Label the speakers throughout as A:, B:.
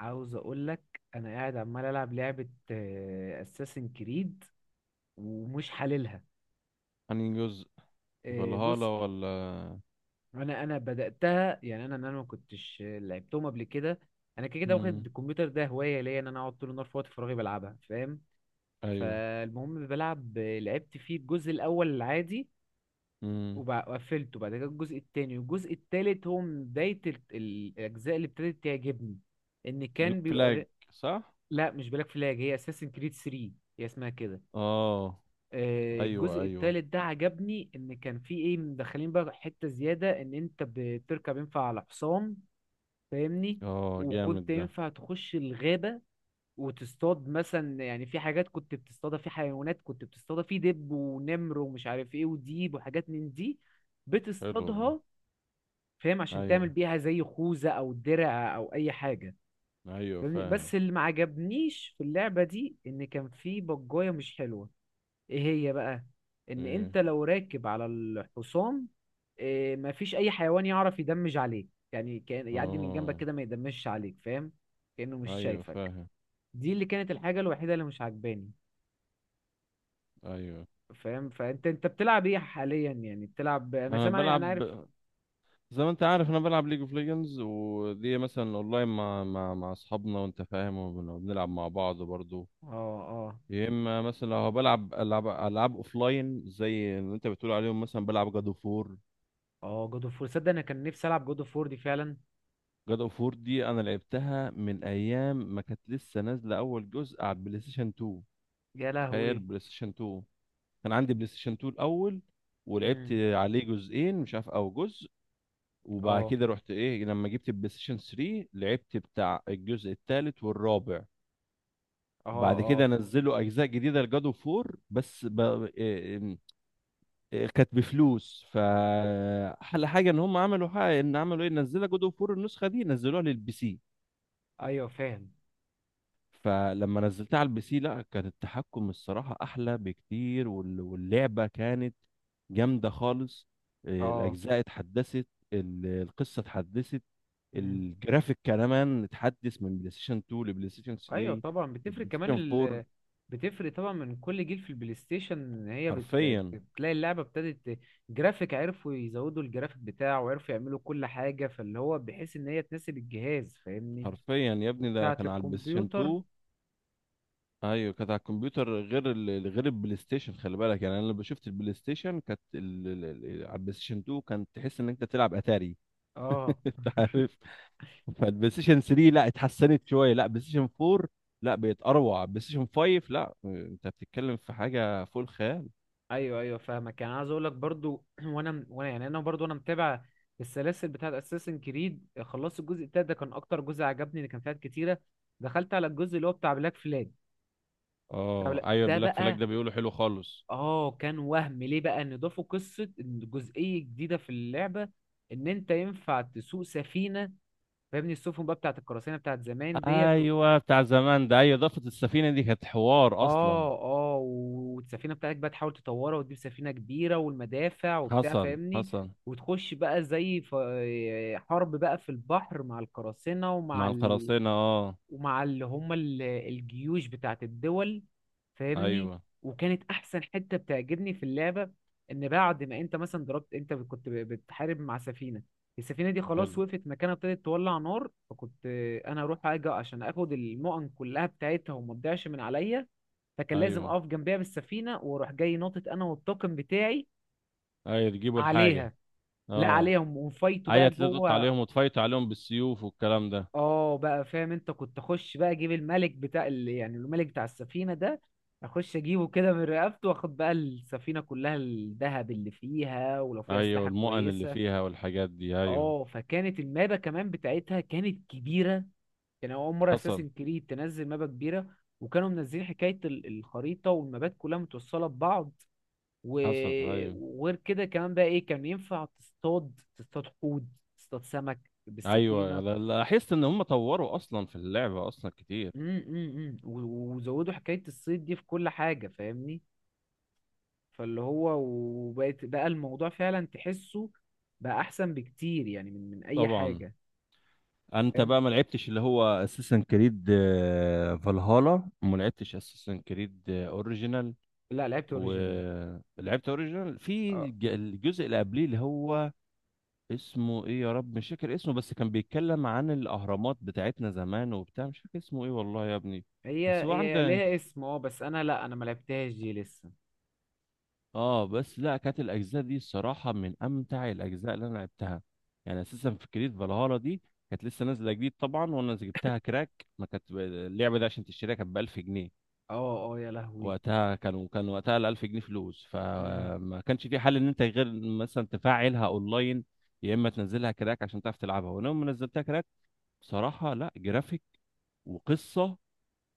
A: عاوز اقول لك انا قاعد عمال العب لعبه اساسن كريد ومش حللها.
B: انهي جزء؟ فالهالا
A: بص.
B: ولا؟
A: انا بداتها، يعني انا ما كنتش لعبتهم قبل كده. انا كده كده واخد
B: مم.
A: الكمبيوتر ده هوايه ليا، ان انا اقعد طول النهار في وقت فراغي بلعبها، فاهم؟
B: ايوه.
A: فالمهم بلعب، لعبت فيه الجزء الاول العادي
B: مم.
A: وقفلته. بعد كده الجزء التاني والجزء التالت هو من بدايه الاجزاء اللي ابتدت تعجبني ان
B: بلاك
A: كان
B: فلاج.
A: بيبقى.
B: صح.
A: لا مش بلاك فلاج، هي اساسن كريد 3، هي اسمها كده.
B: اه. ايوه
A: الجزء
B: ايوه.
A: الثالث ده عجبني، ان كان في ايه مدخلين بقى، حتة زيادة ان انت بتركب ينفع على حصان، فاهمني؟
B: اه، جامد
A: وكنت
B: ده.
A: ينفع تخش الغابة وتصطاد مثلا، يعني في حاجات كنت بتصطادها، في حيوانات كنت بتصطادها، في دب ونمر ومش عارف ايه وديب وحاجات من دي
B: حلو والله.
A: بتصطادها، فاهم؟ عشان تعمل
B: ايوه
A: بيها زي خوذة او درع او اي حاجة.
B: ايوه
A: فاهمني؟
B: فاهم.
A: بس اللي ما عجبنيش في اللعبة دي، ان كان في بجاية مش حلوة. ايه هي بقى؟ ان
B: ايه؟
A: انت لو راكب على الحصان، إيه، مفيش اي حيوان يعرف يدمج عليك، يعني كان يعدي من جنبك
B: اه
A: كده ما يدمجش عليك، فاهم؟ كأنه مش
B: ايوه
A: شايفك.
B: فاهم.
A: دي اللي كانت الحاجة الوحيدة اللي مش عجباني،
B: ايوه.
A: فاهم؟ فانت انت بتلعب ايه حاليا؟ يعني بتلعب، انا
B: انا
A: سامع، انا
B: بلعب.
A: عارف.
B: زي ما انت عارف انا بلعب ليج اوف ليجندز، ودي مثلا اونلاين مع اصحابنا وانت فاهم، وبنلعب مع بعض برضو.
A: اه، اه.
B: يا اما مثلا لو بلعب العاب اوفلاين زي اللي انت بتقول عليهم، مثلا بلعب جاد اوف وور.
A: اه جود اوف وور، صدق انا كان نفسي العب جود اوف وور دي فعلا.
B: جاد اوف وور دي انا لعبتها من ايام ما كانت لسه نازله اول جزء على البلاي ستيشن 2.
A: يا
B: تخيل،
A: لهوي.
B: بلاي ستيشن 2. كان عندي بلاي ستيشن 2 الاول، ولعبت
A: مم.
B: عليه جزئين مش عارف او جزء. وبعد
A: اه،
B: كده رحت ايه لما جبت البلاي ستيشن 3، لعبت بتاع الجزء الثالث والرابع.
A: اه.
B: بعد
A: اه
B: كده نزلوا اجزاء جديده لجاد اوف وور بس ب... إيه- إيه، كانت بفلوس. فاحلى حاجه ان هم عملوا حاجه، ان عملوا ايه، نزلوا جاد اوف وور النسخه دي نزلوها للبي سي.
A: ايوه فاهم.
B: فلما نزلتها على البي سي لا، كان التحكم الصراحة أحلى بكتير، واللعبة كانت جامدة خالص.
A: اه.
B: الأجزاء اتحدثت. القصة اتحدثت.
A: مم.
B: الجرافيك كمان اتحدث من بلاي ستيشن 2 لبلاي ستيشن
A: ايوه
B: 3
A: طبعا بتفرق
B: لبلاي ستيشن
A: كمان
B: 4.
A: ال... بتفرق طبعا من كل جيل في البلاي ستيشن، ان هي
B: حرفيا.
A: بتلاقي اللعبه ابتدت ت-. جرافيك عرفوا يزودوا الجرافيك بتاعه وعرفوا يعملوا كل حاجه، فاللي هو بحيث ان هي تناسب الجهاز، فاهمني؟
B: حرفيا يا ابني، ده
A: وبتاعه
B: كان على البلاي ستيشن
A: الكمبيوتر.
B: 2. ايوه كانت على الكمبيوتر، غير البلاي ستيشن. خلي بالك يعني، انا لما شفت البلاي ستيشن كانت على البلاي ستيشن 2 كانت تحس ان انت تلعب اتاري.
A: اه
B: انت عارف. فالبلاي ستيشن 3 لا، اتحسنت شويه. لا بلاي ستيشن 4 لا، بقت اروع. بلاي ستيشن 5 لا، انت بتتكلم في حاجه فوق الخيال.
A: ايوه ايوه فاهمك. يعني عايز اقول لك برضو، وانا يعني انا برضو انا متابع السلاسل بتاعه اساسن كريد. خلصت الجزء التالت، ده كان اكتر جزء عجبني اللي كان فيها كتيره. دخلت على الجزء اللي هو بتاع بلاك فلاج.
B: اه ايوه،
A: ده
B: بلاك فلاج
A: بقى
B: ده بيقولوا حلو خالص.
A: اه، كان وهم ليه بقى ان ضافوا قصه، إن جزئيه جديده في اللعبه، ان انت ينفع تسوق سفينه، فاهمني؟ السفن بقى بتاعت القراصنه، بتاعت زمان ديت و-.
B: ايوه بتاع زمان ده، ايوه، اضافه السفينه دي كانت حوار اصلا.
A: اه اه، والسفينه بتاعتك بقى تحاول تطورها وتجيب سفينه كبيره والمدافع وبتاع،
B: حصل
A: فاهمني؟
B: حصل.
A: وتخش بقى زي ف-، حرب بقى في البحر مع القراصنه
B: مع
A: ومع
B: القراصنة، اه.
A: ومع اللي هم الجيوش بتاعت الدول، فاهمني؟
B: ايوه.
A: وكانت احسن حتة بتعجبني في اللعبة، ان بعد ما انت مثلا ضربت، انت كنت بتحارب مع سفينة. السفينة دي خلاص
B: حلو.
A: وقفت مكانها ابتدت تولع نار، فكنت انا اروح اجي عشان اخد المؤن كلها بتاعتها وما تضيعش من عليا. فكان لازم
B: ايوه
A: اقف جنبها بالسفينه واروح جاي ناطط انا والطاقم بتاعي
B: ايوه، تجيبوا الحاجة.
A: عليها، لا
B: اه.
A: عليهم، ونفايتوا
B: ايوه،
A: بقى
B: تلطط
A: جوه.
B: عليهم وتفايتوا عليهم بالسيوف والكلام ده.
A: اه بقى فاهم، انت كنت اخش بقى اجيب الملك بتاع ال... يعني الملك بتاع السفينة ده اخش اجيبه كده من رقبته واخد بقى السفينة كلها، الذهب اللي فيها ولو فيها
B: ايوه،
A: اسلحة
B: والمؤن اللي
A: كويسة.
B: فيها والحاجات دي، ايوه.
A: اه، فكانت المابة كمان بتاعتها كانت كبيرة. كان اول مرة
B: حصل
A: اساسن كريد تنزل مابة كبيرة، وكانوا منزلين حكاية الخريطة والمابات كلها متوصلة ببعض،
B: حصل.
A: و-.
B: ايوه
A: وغير كده كمان بقى ايه، كان ينفع تصطاد حوت، تصطاد سمك
B: ايوه،
A: بالسفينة.
B: لاحظت ان هم طوروا اصلا في اللعبه اصلا كتير.
A: وزودوا حكاية الصيد دي في كل حاجة، فاهمني؟ فاللي هو وبقت بقى الموضوع فعلا تحسه بقى أحسن بكتير، يعني من أي
B: طبعا.
A: حاجة.
B: انت
A: فاهم.
B: بقى ما لعبتش اللي هو اساسن كريد فالهالا، وما لعبتش اساسن كريد اوريجينال.
A: لا لعبت أوريجينال.
B: ولعبت اوريجينال في
A: اه،
B: الجزء اللي قبليه اللي هو اسمه ايه، يا رب مش فاكر اسمه. بس كان بيتكلم عن الاهرامات بتاعتنا زمان وبتاع، مش فاكر اسمه ايه والله يا ابني.
A: هي
B: بس هو
A: هي
B: عنده.
A: ليها اسم اه، بس أنا لا أنا ما لعبتهاش دي لسه.
B: اه بس لا، كانت الاجزاء دي الصراحه من امتع الاجزاء اللي انا لعبتها. يعني اساسا في كريد فالهالا دي. كانت لسه نازله جديد طبعا، وانا جبتها كراك. ما كانت اللعبه دي عشان تشتريها كانت ب 1000 جنيه.
A: اه اه يا لهوي.
B: وقتها كان وقتها ال 1000 جنيه فلوس،
A: امم.
B: فما كانش في حل ان انت غير مثلا تفعلها اونلاين، يا اما تنزلها كراك عشان تعرف تلعبها. وانا يوم ما نزلتها كراك، بصراحه، لا جرافيك، وقصه.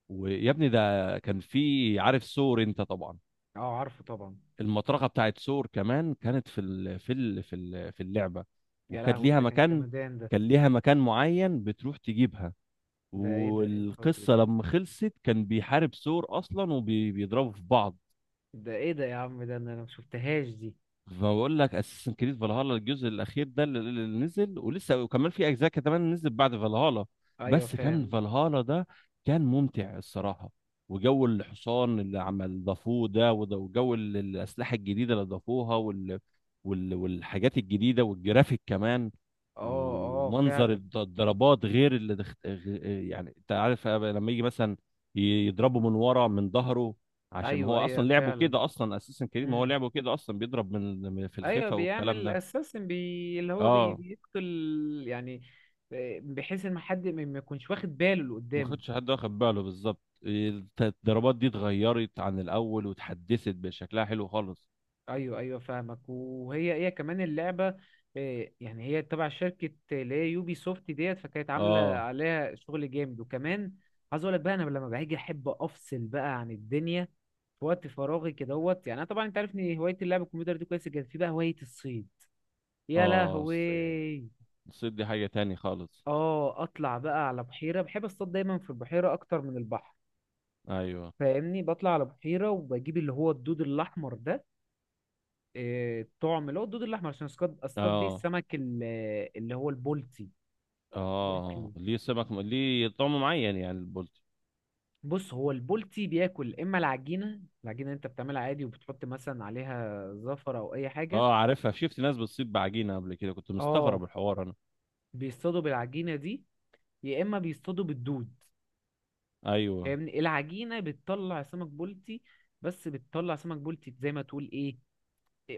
B: ويا ابني ده، كان في، عارف سور انت طبعا؟
A: اه عارفه طبعا.
B: المطرقه بتاعت ثور كمان كانت في اللعبه.
A: يا
B: وكانت
A: لهوي
B: ليها
A: ده كان
B: مكان.
A: جمدان ده.
B: كان ليها مكان معين بتروح تجيبها.
A: ده ايه ده، ايه الفجر
B: والقصه
A: ده؟
B: لما خلصت كان بيحارب ثور اصلا وبيضربوا في بعض.
A: ده ايه ده يا عم؟ ده انا أنا ما شفتهاش دي.
B: ما بقول لك اساسن كريد فالهالا الجزء الاخير ده اللي نزل، ولسه وكمان في اجزاء كمان نزلت بعد فالهالا.
A: ايوه
B: بس كان
A: فاهم.
B: فالهالا ده كان ممتع الصراحه. وجو الحصان اللي عمل ضافوه ده، وجو الاسلحه الجديده اللي ضافوها، والحاجات الجديده والجرافيك كمان.
A: اه اه
B: ومنظر
A: فعلا.
B: الضربات، غير يعني انت عارف لما يجي مثلا يضربه من ورا من ظهره، عشان ما
A: ايوه
B: هو
A: ايوه
B: اصلا لعبه
A: فعلا.
B: كده اصلا اساسا كريم، ما هو
A: مم.
B: لعبه كده اصلا بيضرب في
A: ايوه
B: الخفا والكلام
A: بيعمل
B: ده.
A: اساسن بي... اللي هو بي...
B: اه.
A: بيقتل، يعني، بحيث ان حد ما يكونش واخد باله اللي
B: ما
A: قدامه.
B: خدش حد واخد باله بالظبط. الضربات دي اتغيرت عن الاول واتحدثت بشكلها حلو خالص.
A: ايوه ايوه فاهمك. وهي هي كمان اللعبه، يعني هي تبع شركه اللي هي يوبي سوفت ديت، فكانت عامله
B: اه
A: عليها شغل جامد وكمان. عايز اقول لك بقى، انا لما باجي احب افصل بقى عن الدنيا في وقت فراغي كدهوت. يعني انا طبعا انت عارف ان هوايه اللعب الكمبيوتر دي كويسه جدا، في بقى هوايه الصيد. يا
B: اه، الصيد.
A: لهوي.
B: الصيد دي حاجة تاني خالص.
A: اه اطلع بقى على بحيره، بحب اصطاد دايما في البحيره اكتر من البحر،
B: ايوه.
A: فاهمني؟ بطلع على بحيره، وبجيب اللي هو الدود الاحمر ده، الطعم اللي هو الدود الاحمر، عشان اصطاد، اصطاد بيه
B: اه
A: السمك ال- اللي هو البولتي،
B: اه،
A: بياكله.
B: ليه طعم معين يعني البولتي.
A: بص، هو البولتي بياكل اما العجينه، اللي انت بتعملها عادي، وبتحط مثلا عليها زفر او اي حاجه.
B: اه عارفها، شفت ناس بتصيد بعجينة قبل كده، كنت مستغرب
A: اه
B: الحوار انا.
A: بيصطادوا بالعجينه دي، يا اما بيصطادوا بالدود،
B: ايوه.
A: فاهمني؟ العجينه بتطلع سمك بولتي، بس بتطلع سمك بولتي زي ما تقول ايه،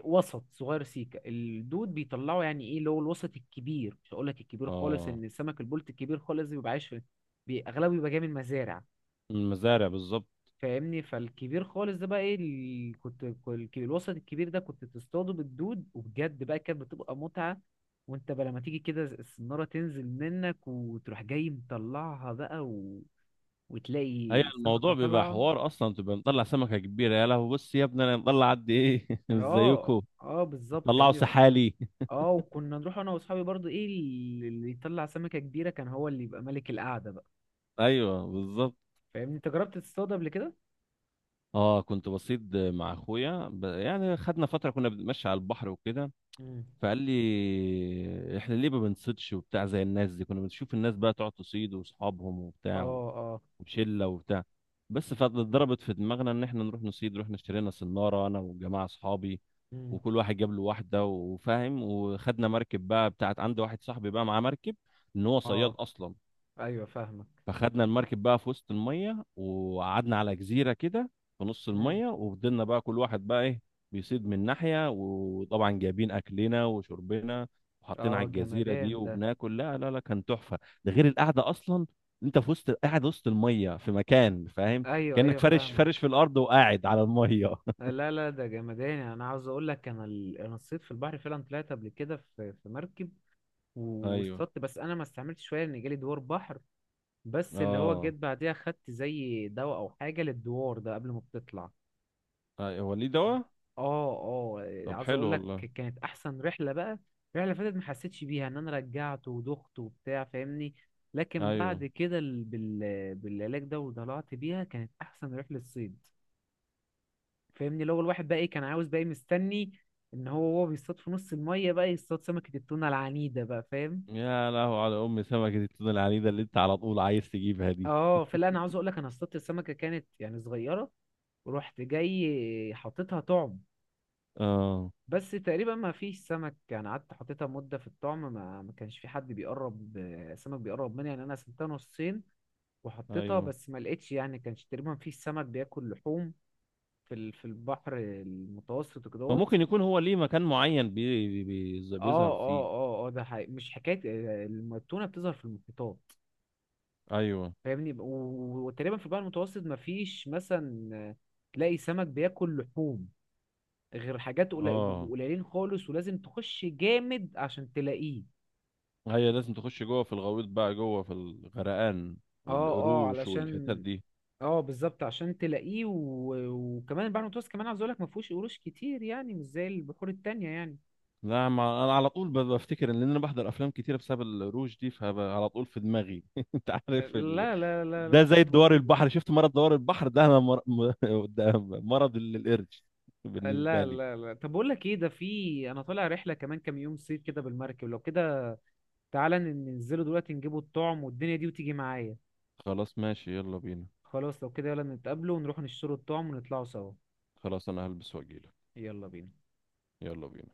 A: وسط صغير. سيكا الدود بيطلعوا يعني ايه اللي هو الوسط الكبير، مش هقول لك الكبير خالص،
B: اه،
A: ان السمك البلطي الكبير خالص بيبقى عايش في اغلبه بيبقى جاي من مزارع،
B: المزارع بالظبط.
A: فاهمني؟ فالكبير خالص ده بقى ايه ال... كنت الوسط الكبير ده كنت تصطاده بالدود، وبجد بقى كانت بتبقى متعة. وانت بقى لما تيجي كده السنارة تنزل منك وتروح جاي مطلعها بقى و...
B: هي
A: وتلاقي السمكة
B: الموضوع بيبقى
A: طالعة.
B: حوار اصلا تبقى مطلع سمكه كبيره. يا لهوي، بص يا ابني انا مطلع قد ايه مش
A: اه
B: زيكم.
A: اه بالظبط
B: طلعوا
A: فاهمني.
B: سحالي.
A: اه، وكنا نروح انا واصحابي برضو، ايه اللي يطلع سمكة كبيرة كان هو اللي يبقى ملك القعدة بقى.
B: ايوه بالظبط.
A: فاهمني، انت جربت تصطاد قبل كده؟
B: اه كنت بصيد مع اخويا يعني خدنا فتره كنا بنتمشى على البحر وكده.
A: مم.
B: فقال لي احنا ليه ما بنصيدش وبتاع زي الناس دي، كنا بنشوف الناس بقى تقعد تصيد واصحابهم
A: اه
B: وبتاع
A: اه.
B: وشله وبتاع. بس فضربت في دماغنا ان احنا نروح نصيد. رحنا اشترينا سناره انا وجماعه اصحابي،
A: مم.
B: وكل واحد جاب له واحده وفاهم، وخدنا مركب بقى بتاعت عند واحد صاحبي بقى معاه مركب، ان هو صياد
A: اه
B: اصلا.
A: ايوه فاهمك.
B: فخدنا المركب بقى في وسط الميه، وقعدنا على جزيره كده في نص
A: مم.
B: الميه. وفضلنا بقى كل واحد بقى ايه بيصيد من ناحيه، وطبعا جايبين اكلنا وشربنا وحاطين
A: اه
B: على الجزيره
A: جمدان
B: دي
A: ده.
B: وبناكل. لا لا لا، كان تحفه، ده غير القعده اصلا. انت في وسط، قاعد وسط الميه في مكان فاهم،
A: ايوه
B: كانك
A: ايوه
B: فرش فرش
A: فاهمك.
B: في الارض وقاعد على الميه
A: لا لا ده جمدان، يعني انا عاوز اقول لك انا ال... انا صيد في البحر فعلا طلعت قبل كده في مركب
B: ايوه.
A: واصطدت، بس انا ما استعملتش شويه، ان جالي دوار بحر. بس اللي هو
B: اه.
A: جيت بعديها خدت زي دواء او حاجه للدوار ده قبل ما بتطلع.
B: أيوة. هو ليه دواء؟
A: اه، اه
B: طب
A: عاوز
B: حلو
A: اقول لك،
B: والله.
A: كانت احسن رحله بقى. الرحله اللي فاتت ما حسيتش بيها، ان انا رجعت ودخت وبتاع، فاهمني؟ لكن
B: ايوه.
A: بعد كده بالعلاج ده وطلعت بيها كانت احسن رحله صيد. فاهمني؟ لو الواحد بقى ايه كان عاوز بقى ايه مستني، ان هو وهو بيصطاد في نص الميه بقى يصطاد سمكه التونه العنيده بقى، فاهم؟
B: يا لهو على ام سمكه التونه العنيده اللي انت على طول عايز تجيبها دي.
A: اه فلا انا عاوز اقول لك، انا اصطادت السمكه كانت يعني صغيره، ورحت جاي حاططها طعم.
B: اه
A: بس تقريبا ما فيش سمك، يعني قعدت حطيتها مدة في الطعم ما كانش في حد بيقرب، سمك بيقرب مني. يعني أنا قسمتها نصين وحطيتها،
B: ايوه،
A: بس ما لقيتش، يعني كانش تقريبا في سمك بياكل لحوم في في البحر المتوسط وكدهوت.
B: فممكن يكون هو ليه مكان معين
A: اه
B: بيظهر
A: اه
B: فيه.
A: اه اه ده حقيقي، مش حكاية. التونة بتظهر في المحيطات،
B: ايوه.
A: فاهمني؟ وتقريبا في البحر المتوسط ما فيش مثلا تلاقي سمك بياكل لحوم، غير حاجات قليل- بيبقوا
B: اه،
A: قليلين خالص، ولازم تخش جامد عشان تلاقيه.
B: هي لازم تخش جوه في الغويط بقى جوه في الغرقان،
A: اه اه
B: والقروش والحتت
A: علشان،
B: دي.
A: اه بالظبط عشان تلاقيه و... وكمان البحر المتوسط كمان عاوز اقول لك ما فيهوش قروش كتير، يعني مش زي البحور التانية يعني.
B: لا ما انا على طول بفتكر ان انا بحضر افلام كتيره بسبب القروش دي، فعلى طول في دماغي انت عارف
A: لا،
B: ده
A: مش
B: زي دوار
A: موجودة.
B: البحر، شفت مرض دوار البحر ده، ده مرض القرش بالنسبه
A: لا لا
B: لي.
A: لا طب بقول لك ايه، ده في انا طالع رحلة كمان كام يوم صيف كده بالمركب، لو كده تعالى ننزلوا دلوقتي نجيبوا الطعم والدنيا دي وتيجي معايا.
B: خلاص ماشي، يلا بينا.
A: خلاص لو كده يلا نتقابلوا ونروح نشتروا الطعم ونطلعوا سوا.
B: خلاص انا هلبس واجيلك.
A: يلا بينا.
B: يلا بينا.